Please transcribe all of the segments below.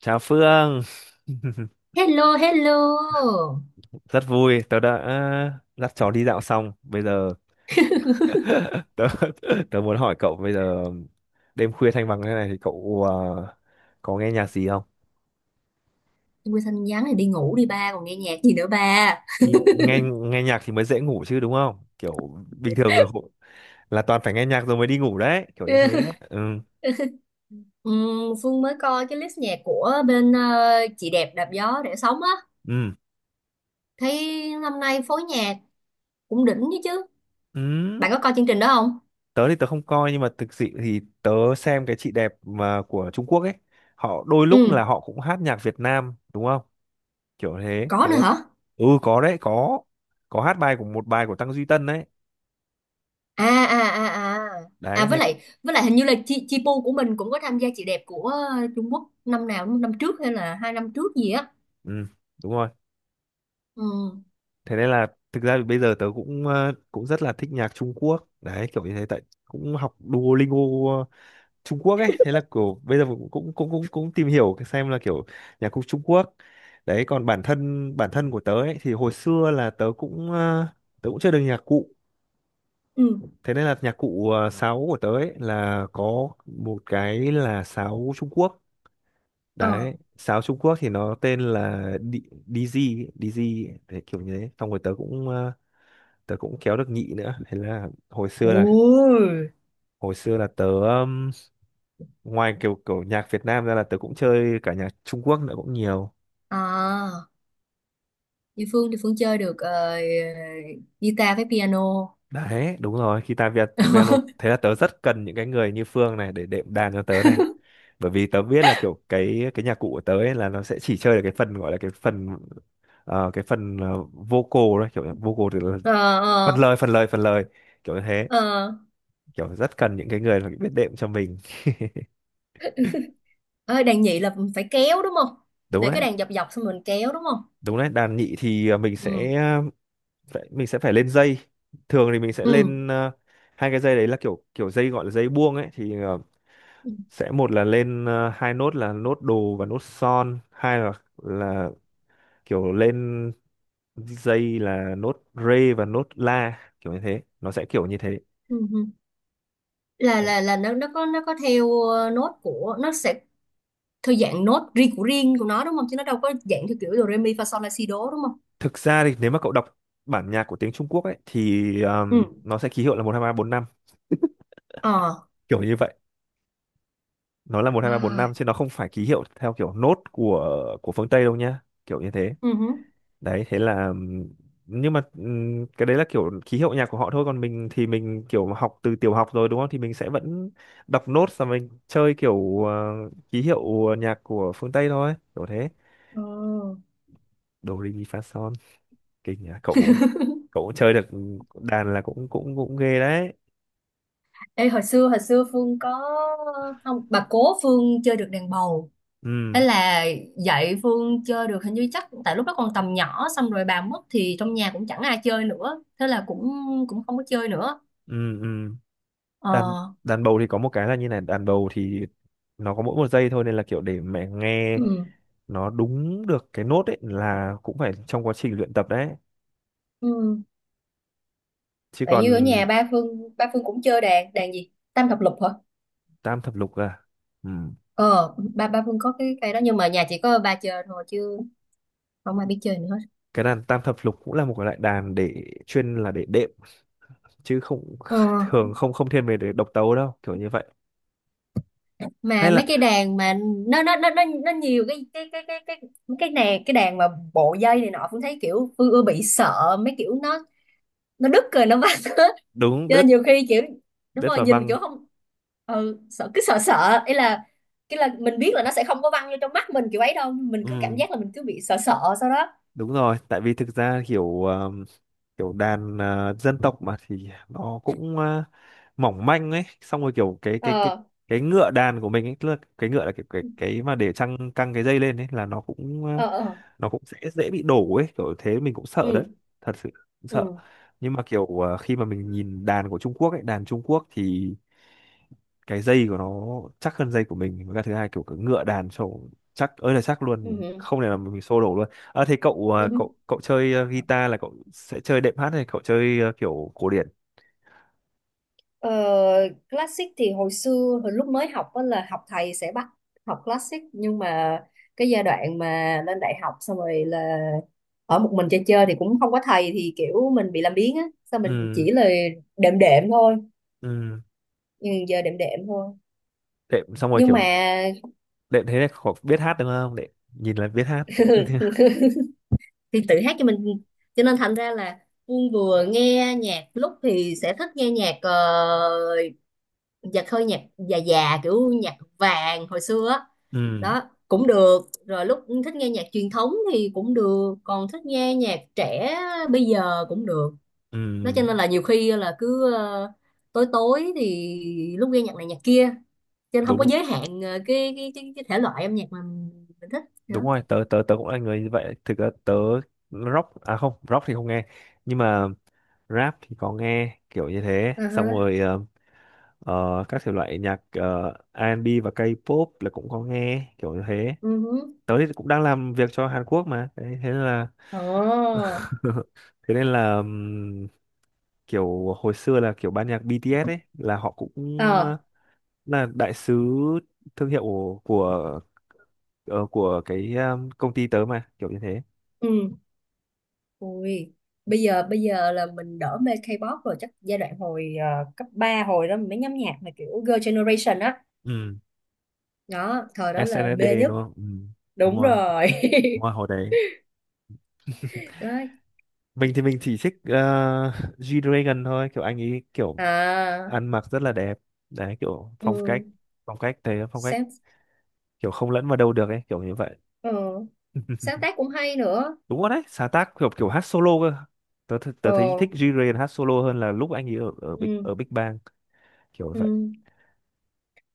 Chào Phương, Hello, hello. rất vui. Tớ đã dắt chó đi dạo xong. Bây giờ tớ, tớ muốn hỏi cậu bây giờ đêm khuya thanh vắng thế này thì cậu có nghe nhạc gì không? Quê xanh nhắn thì đi ngủ đi ba, còn nghe nhạc gì nữa ba. Đi nghe nghe nhạc thì mới dễ ngủ chứ đúng không? Kiểu bình thường là, là toàn phải nghe nhạc rồi mới đi ngủ đấy, kiểu như thế đấy. Ừ. Phương mới coi cái list nhạc của bên chị đẹp đạp gió để sống á. Ừ. Thấy năm nay phối nhạc cũng đỉnh chứ chứ. Ừ. Bạn có coi chương trình đó không? Tớ thì tớ không coi nhưng mà thực sự thì tớ xem cái chị đẹp mà của Trung Quốc ấy, họ đôi lúc Ừ, là họ cũng hát nhạc Việt Nam đúng không? Kiểu thế. có Thế nữa là hả? ừ có đấy, có hát bài của một bài của Tăng Duy Tân đấy. À à à à. À, Đấy với thế lại với lại hình như là chi chi pu của mình cũng có tham gia chị đẹp của Trung Quốc năm nào, năm trước hay là 2 năm trước gì á. ừ, đúng rồi, Ừ. thế nên là thực ra thì bây giờ tớ cũng cũng rất là thích nhạc Trung Quốc đấy, kiểu như thế tại cũng học Duolingo ờ, Trung Quốc ấy. Thế là kiểu bây giờ cũng cũng cũng cũng, cũng tìm hiểu cái xem là kiểu nhạc cụ Trung Quốc đấy. Còn bản thân của tớ ấy thì hồi xưa là tớ cũng tớ cũng chơi được nhạc cụ. Ừ. Thế nên là nhạc cụ, sáo của tớ ấy là có một cái là sáo Trung Quốc Ờ. đấy. Sáo Trung Quốc thì nó tên là DZ ấy, DZ ấy, đấy, kiểu như thế. Xong rồi tớ cũng tớ cũng kéo được nhị nữa. Thế là hồi xưa là Ôi. Tớ ngoài kiểu kiểu nhạc Việt Nam ra là tớ cũng chơi cả nhạc Trung Quốc nữa cũng nhiều À. Như Phương thì Phương chơi được guitar với piano. đấy. Đúng rồi, guitar Việt piano. Thế là tớ rất cần những cái người như Phương này để đệm đàn cho tớ này, bởi vì tớ biết là kiểu cái nhạc cụ của tớ ấy là nó sẽ chỉ chơi được cái phần, gọi là cái phần vocal đấy. Kiểu vocal thì là Ờ, ờ, phần lời, kiểu như thế. ờ. Kiểu rất cần những cái người mà biết đệm cho mình. Ê, đàn nhị là phải kéo đúng không? Đúng Để đấy. cái đàn dọc dọc xong mình kéo đúng không? Đúng đấy. Đàn nhị thì mình Ừ. sẽ phải, mình sẽ phải lên dây. Thường thì mình sẽ Ừ. lên hai cái dây đấy là kiểu kiểu dây, gọi là dây buông ấy thì Ừ. sẽ một là lên hai nốt là nốt đồ và nốt son, hai là là kiểu lên dây là nốt rê và nốt la, kiểu như thế. Nó sẽ kiểu như thế. Ừ. Ừ. Là nó có theo nốt của nó sẽ theo dạng nốt riêng của nó đúng không? Chứ nó đâu có dạng theo kiểu do re mi fa sol la si đố đúng không? Thực ra thì nếu mà cậu đọc bản nhạc của tiếng Trung Quốc ấy thì Ừ. Nó sẽ ký hiệu là một hai ba bốn năm, Ờ. kiểu như vậy. Nó là một hai ba bốn À. năm chứ nó không phải ký hiệu theo kiểu nốt của phương Tây đâu nhá, kiểu như thế. Ừ hứ. Đấy thế là nhưng mà cái đấy là kiểu ký hiệu nhạc của họ thôi. Còn mình thì mình kiểu học từ tiểu học rồi đúng không, thì mình sẽ vẫn đọc nốt và mình chơi kiểu ký hiệu nhạc của phương Tây thôi, kiểu thế. Ờ. Do Re Mi Fa Son. Kinh nhỉ, cậu cũng chơi được đàn là cũng cũng cũng ghê đấy. Ê, hồi xưa Phương có, không, bà cố Phương chơi được đàn bầu. Thế Ừ. là dạy Phương chơi được, hình như chắc tại lúc đó còn tầm nhỏ xong rồi bà mất thì trong nhà cũng chẳng ai chơi nữa, thế là cũng cũng không có chơi nữa. Ừ. Ừ. Ờ. đàn đàn bầu thì có một cái là như này, đàn bầu thì nó có mỗi một giây thôi, nên là kiểu để mẹ nghe Ừ. nó đúng được cái nốt ấy là cũng phải trong quá trình luyện tập đấy. Ừ. Chứ Tại còn như ở nhà ba Phương cũng chơi đàn đàn gì tam thập lục hả. tam thập lục à. Ừ. Ờ ba ba Phương có cái cây đó nhưng mà nhà chỉ có ba chơi thôi chứ không ai biết chơi nữa hết. Cái đàn tam thập lục cũng là một cái loại đàn để chuyên là để đệm, chứ không ờ thường không không thiên về để độc tấu đâu, kiểu như vậy. Hay mà mấy là cái đàn mà nó nhiều cái này, cái đàn mà bộ dây này nọ, Phương thấy kiểu Phương ưa bị sợ mấy kiểu nó đứt rồi nó vắt hết, đúng, cho nên đứt nhiều khi kiểu đúng đứt rồi và nhìn văng. kiểu không, ừ, sợ cứ sợ sợ ấy. Là cái là mình biết là nó sẽ không có văng vô trong mắt mình kiểu ấy đâu, mình cứ cảm Ừ. giác là mình cứ bị sợ sợ sau đó. Đúng rồi. Tại vì thực ra kiểu kiểu đàn, dân tộc mà thì nó cũng mỏng manh ấy. Xong rồi kiểu Ờ. cái ngựa đàn của mình ấy, tức là cái ngựa là cái mà để trăng căng cái dây lên ấy, là nó cũng ờ, Ờ. Ờ. nó cũng sẽ dễ bị đổ ấy, kiểu thế. Mình cũng sợ đấy, Ừ. thật sự cũng sợ. Ừ. Nhưng mà kiểu khi mà mình nhìn đàn của Trung Quốc ấy, đàn Trung Quốc thì cái dây của nó chắc hơn dây của mình. Với cả thứ hai kiểu cái ngựa đàn trổ chắc ơi là chắc luôn, Ừ. mình Ừ, không thể nào mình xô đổ luôn. Thế cậu, ừ. Ừ. cậu chơi guitar là cậu sẽ chơi đệm hát hay cậu chơi kiểu cổ điển? Ờ, classic thì hồi lúc mới học á là học thầy sẽ bắt học classic, nhưng mà cái giai đoạn mà lên đại học xong rồi là ở một mình chơi chơi thì cũng không có thầy, thì kiểu mình bị làm biếng á sao, mình Ừ. chỉ là đệm đệm thôi. Ừ. Ừ, giờ đệm đệm thôi. Đệm xong rồi Nhưng mà kiểu đệm thế này cậu biết hát đúng không, đệm nhìn là biết hát. thì tự hát cho mình, cho nên thành ra là Phương vừa nghe nhạc lúc thì sẽ thích nghe nhạc nhạc hơi nhạc già già kiểu nhạc vàng hồi xưa á Ừ. đó, cũng được. Rồi lúc thích nghe nhạc truyền thống thì cũng được, còn thích nghe nhạc trẻ bây giờ cũng được. Đó cho Ừ. nên là nhiều khi là cứ tối tối thì lúc nghe nhạc này nhạc kia, cho nên không có Đúng. giới hạn cái thể loại âm nhạc mà mình thích Đúng nữa. rồi. Tớ tớ tớ cũng là người như vậy. Thực ra tớ rock, à không, rock thì không nghe, nhưng mà rap thì có nghe, kiểu như thế. Xong Uh-huh. rồi các thể loại nhạc R&B và K-pop là cũng có nghe, kiểu như thế. uh Tớ thì cũng đang làm việc cho Hàn Quốc mà, thế nên là Ồ. thế nên là kiểu hồi xưa là kiểu ban nhạc BTS ấy là họ cũng ờ, Ờ. là đại sứ thương hiệu của, cái công ty tớ mà, kiểu như thế. Ừ. Ui, bây giờ là mình đỡ mê K-pop rồi, chắc giai đoạn hồi cấp 3 hồi đó mình mới nhắm nhạc mà kiểu Girl Generation á Ừ. đó. Thời đó là mê SNSD nhất. đúng không. Ừ. Đúng Đúng rồi. rồi. Đúng rồi. Hồi đấy Đó. mình thì mình chỉ thích G-Dragon thôi. Kiểu anh ấy kiểu À. ăn mặc rất là đẹp đấy, kiểu phong cách, Ừ. phong cách thế, phong cách, Sáng. kiểu không lẫn vào đâu được ấy, kiểu như vậy. Ừ, sáng tác cũng hay nữa. Đúng rồi đấy. Sáng tác kiểu kiểu hát solo cơ. Tớ tớ thấy Ờ. thích G-Dragon hát solo hơn là lúc anh ấy ở Ừ. ở Big Bang, kiểu vậy. Ừ.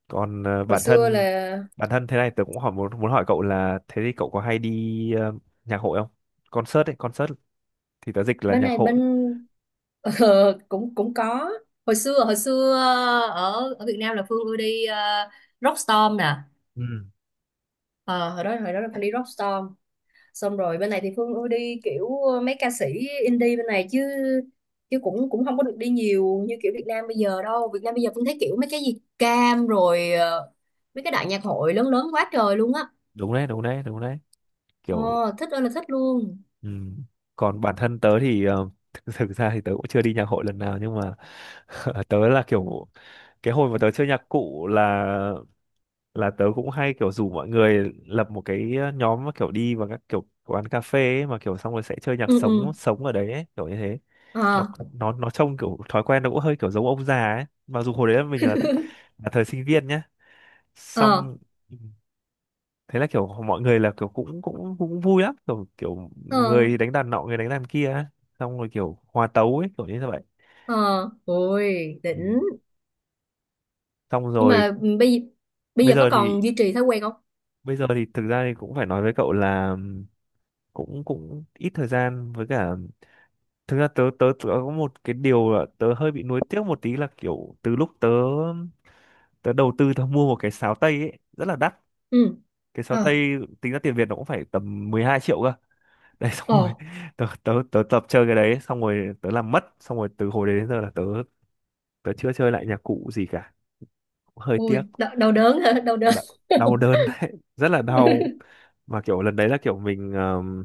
Còn Hồi bản xưa thân, là thế này tớ cũng muốn muốn hỏi cậu là thế thì cậu có hay đi nhạc hội không? Concert ấy, concert thì tớ dịch là bên nhạc này hội. bên. Ờ, cũng cũng có. Hồi xưa ở ở Việt Nam là Phương ưa đi Rockstorm nè. Ừ, Ờ, hồi đó là Phương đi Rockstorm, xong rồi bên này thì Phương ưa đi kiểu mấy ca sĩ indie bên này chứ chứ cũng cũng không có được đi nhiều như kiểu Việt Nam bây giờ đâu. Việt Nam bây giờ Phương thấy kiểu mấy cái gì cam rồi mấy cái đại nhạc hội lớn lớn quá trời luôn á. đúng đấy, đúng đấy, đúng đấy. ờ, Kiểu thích ơi là thích luôn. ừ. Còn bản thân tớ thì thực thực ra thì tớ cũng chưa đi nhạc hội lần nào. Nhưng mà tớ là kiểu cái hồi mà tớ chơi nhạc cụ là tớ cũng hay kiểu rủ mọi người lập một cái, nhóm mà kiểu đi vào các kiểu quán cà phê ấy, mà kiểu xong rồi sẽ chơi nhạc Ừ. Ừ. sống sống ở đấy ấy, kiểu như thế. Nó Ờ. nó trông kiểu thói quen nó cũng hơi kiểu giống ông già ấy. Mặc dù hồi đấy là mình là thời sinh viên nhá. Ờ. Xong thế là kiểu mọi người là kiểu cũng cũng cũng vui lắm, kiểu kiểu Ờ. người đánh đàn nọ, người đánh đàn kia, xong rồi kiểu hòa tấu ấy, kiểu như vậy. Ờ. Ôi Ừ. đỉnh. Xong Nhưng rồi mà bây bây bây giờ có giờ thì còn duy trì thói quen không? Thực ra thì cũng phải nói với cậu là cũng cũng ít thời gian. Với cả thực ra tớ tớ có một cái điều là tớ hơi bị nuối tiếc một tí là kiểu từ lúc tớ tớ đầu tư tớ mua một cái sáo tây ấy rất là đắt. Ừ. Cái sáo Ờ. tây tính ra tiền Việt nó cũng phải tầm 12 triệu cơ. Đấy xong Ờ. rồi tớ tập chơi cái đấy xong rồi tớ làm mất. Xong rồi từ hồi đấy đến giờ là tớ tớ chưa chơi lại nhạc cụ gì cả. Cũng hơi tiếc. Ôi đau, đau đớn hả, đau đớn. Đau, đau đớn đấy. Rất là đau. Mà kiểu lần đấy là kiểu mình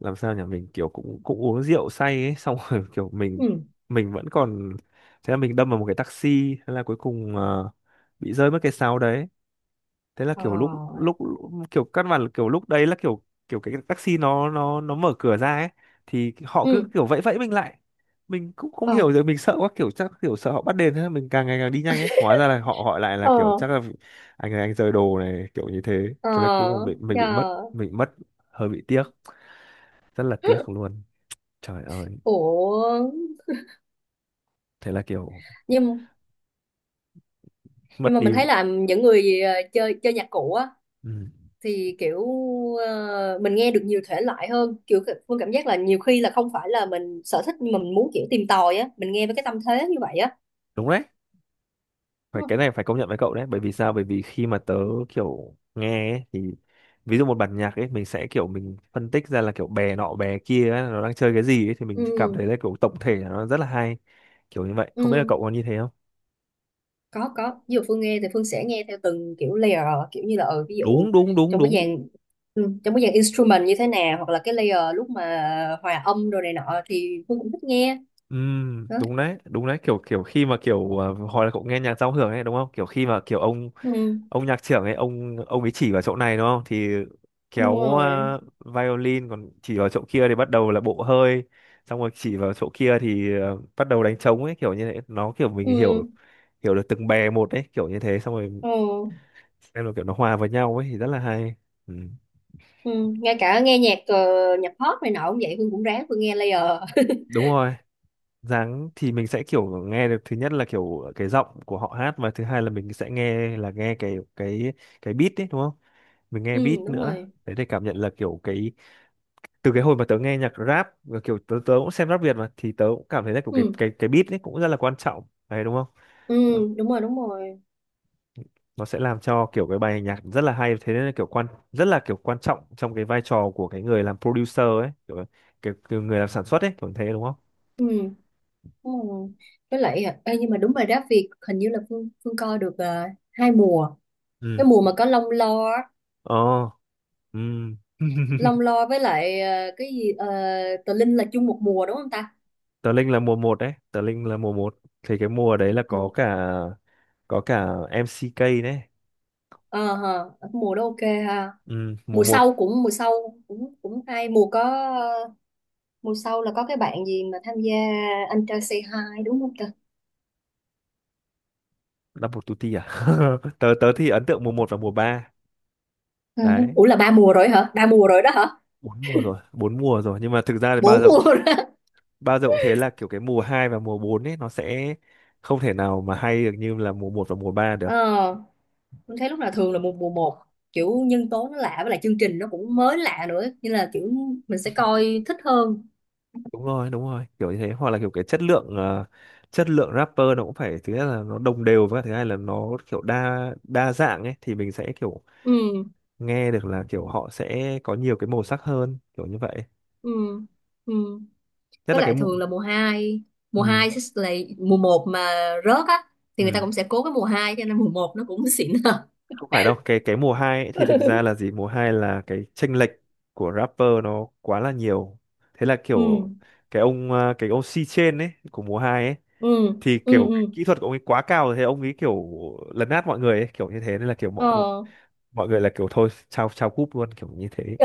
làm sao nhỉ, mình kiểu cũng cũng uống rượu say ấy. Xong rồi kiểu mình Ừ. mình vẫn còn. Thế là mình đâm vào một cái taxi. Thế là cuối cùng bị rơi mất cái sáo đấy. Thế là kiểu lúc Ờ. lúc kiểu căn bản là kiểu lúc đấy là kiểu, kiểu cái taxi nó mở cửa ra ấy, thì họ cứ Ừ. kiểu vẫy vẫy mình lại. Mình cũng không Ờ. hiểu, rồi mình sợ quá, kiểu chắc kiểu sợ họ bắt đền, thế mình càng ngày càng đi nhanh ấy. Hóa ra là họ hỏi lại là Ờ. kiểu chắc là anh này anh rời đồ này, kiểu như thế. Ờ. Thế là cũng bị, mình bị mất, Trời. mình bị mất, hơi bị tiếc, rất là tiếc luôn. Trời ơi. Ủa. Thế là kiểu Nhưng nhưng mất mà mình đi. thấy là những người chơi chơi nhạc cụ á Ừ. thì kiểu mình nghe được nhiều thể loại hơn kiểu Phương cảm giác là nhiều khi là không phải là mình sở thích, nhưng mà mình muốn kiểu tìm tòi á, mình nghe với cái tâm thế như vậy á, Đúng đấy. Phải, đúng không? cái này phải công nhận với cậu đấy. Bởi vì sao? Bởi vì khi mà tớ kiểu nghe ấy, thì ví dụ một bản nhạc ấy mình sẽ kiểu mình phân tích ra là kiểu bè nọ bè kia ấy, nó đang chơi cái gì ấy, thì mình cảm Ừ. thấy là kiểu tổng thể là nó rất là hay, kiểu như vậy. Không biết là Ừ. cậu có như thế không. Có ví dụ Phương nghe thì Phương sẽ nghe theo từng kiểu layer, kiểu như là ví dụ Đúng đúng đúng trong cái đúng. dàn trong cái dàn instrument như thế nào, hoặc là cái layer lúc mà hòa âm rồi này nọ thì Phương cũng thích nghe. Đó. Đúng đấy đúng đấy, kiểu kiểu khi mà kiểu hồi là cậu nghe nhạc giao hưởng ấy đúng không, kiểu khi mà kiểu ông Ừ. ông nhạc trưởng ấy, ông ấy chỉ vào chỗ này đúng không, thì Đúng kéo rồi. Violin, còn chỉ vào chỗ kia thì bắt đầu là bộ hơi, xong rồi chỉ vào chỗ kia thì bắt đầu đánh trống ấy, kiểu như thế nó kiểu mình Ừ. hiểu hiểu được từng bè một ấy, kiểu như thế, xong rồi Ừ, xem là kiểu nó hòa vào nhau ấy thì rất là hay. Ừ. ừ. Ngay cả nghe nhạc nhạc pop này nọ cũng vậy, Hương cũng ráng Hương nghe layer. Đúng rồi, dáng thì mình sẽ kiểu nghe được, thứ nhất là kiểu cái giọng của họ hát, và thứ hai là mình sẽ nghe là nghe cái beat ấy đúng không, mình nghe beat Ừ. Đúng nữa, rồi. đấy, để cảm nhận là kiểu cái, từ cái hồi mà tớ nghe nhạc rap và kiểu tớ tớ cũng xem rap Việt mà, thì tớ cũng cảm thấy là kiểu cái Ừ. cái cái beat ấy cũng rất là quan trọng đấy đúng không. Ừ. Ờ, nó Đúng rồi. Đúng rồi. sẽ làm cho kiểu cái bài nhạc rất là hay, thế nên là kiểu quan rất là kiểu quan trọng trong cái vai trò của cái người làm producer ấy, kiểu, kiểu, kiểu người làm sản xuất ấy, kiểu thế đúng không. Ừ. Đúng rồi. Với lại ê, nhưng mà đúng rồi đó, Việt hình như là Phương Phương coi được hai mùa. Ừ. Cái mùa mà có Long Lo á, Ờ. Ừ. Long Lo với lại cái gì Tờ Linh là chung một mùa đúng không ta? Tờ Linh là mùa một đấy, tờ Linh là mùa một, thì cái mùa đấy là Ừ. có cả MCK đấy. Ờ hờ, mùa đó ok. Ha, Ừ, mùa 1. Mùa sau cũng cũng hay mùa có. Mùa sau là có cái bạn gì mà tham gia Anh trai Say Hi đúng không ta? Double Tutti à. tớ tớ thì ấn tượng mùa một và mùa ba, Ờ. đấy. Ủa là ba mùa rồi hả? Ba mùa rồi đó hả? Bốn mùa rồi, bốn mùa rồi, nhưng mà thực ra thì ba Bốn mùa rộng, rồi. ba rộng, thế là kiểu cái mùa 2 và mùa 4 ấy nó sẽ không thể nào mà hay được như là mùa một và mùa ba được. Ờ, mình thấy lúc nào thường là mùa một kiểu nhân tố nó lạ, với lại chương trình nó cũng mới lạ nữa nên là kiểu mình sẽ coi thích hơn. Đúng rồi đúng rồi, kiểu như thế, hoặc là kiểu cái chất lượng chất lượng rapper nó cũng phải, thứ nhất là nó đồng đều, và thứ hai là nó kiểu đa đa dạng ấy, thì mình sẽ kiểu Ừ, nghe được là kiểu họ sẽ có nhiều cái màu sắc hơn, kiểu như vậy. ừ, ừ. Nhất Với là cái lại mùa. thường là mùa hai mùa Ừ. hai sẽ là mùa một mà rớt á, thì người ta Ừ. cũng sẽ cố cái mùa hai cho nên mùa một nó cũng xịn hơn. Không phải đâu, cái mùa hai ấy thì thực ra là gì, mùa hai là cái chênh lệch của rapper nó quá là nhiều, thế là Ừ, kiểu cái ông, à, cái ông C trên ấy của mùa hai ấy, ừ, thì ừ, kiểu cái ừ. kỹ thuật của ông ấy quá cao rồi, thế ông ấy kiểu lấn át mọi người ấy, kiểu như thế nên là kiểu mọi Ờ. mọi người là kiểu thôi chào chào cúp luôn, kiểu như thế,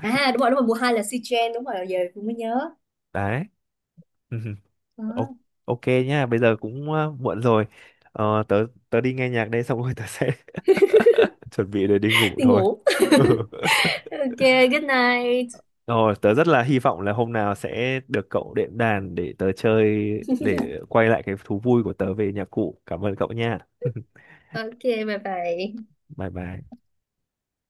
À đúng rồi, mùa 2 là Sichuan, đúng rồi, giờ cũng mới nhớ. đấy. Ừ, Đó. ô- ok nhá, bây giờ cũng, à, muộn rồi, ờ, tớ tớ đi nghe nhạc đây, xong rồi tớ sẽ chuẩn bị để đi ngủ Đi thôi. ngủ. Ừ. Ok, good night. Rồi, tớ rất là hy vọng là hôm nào sẽ được cậu đệm đàn để tớ chơi, để quay lại cái thú vui của tớ về nhạc cụ. Cảm ơn cậu nha. Ok, bye bye. Bye bye.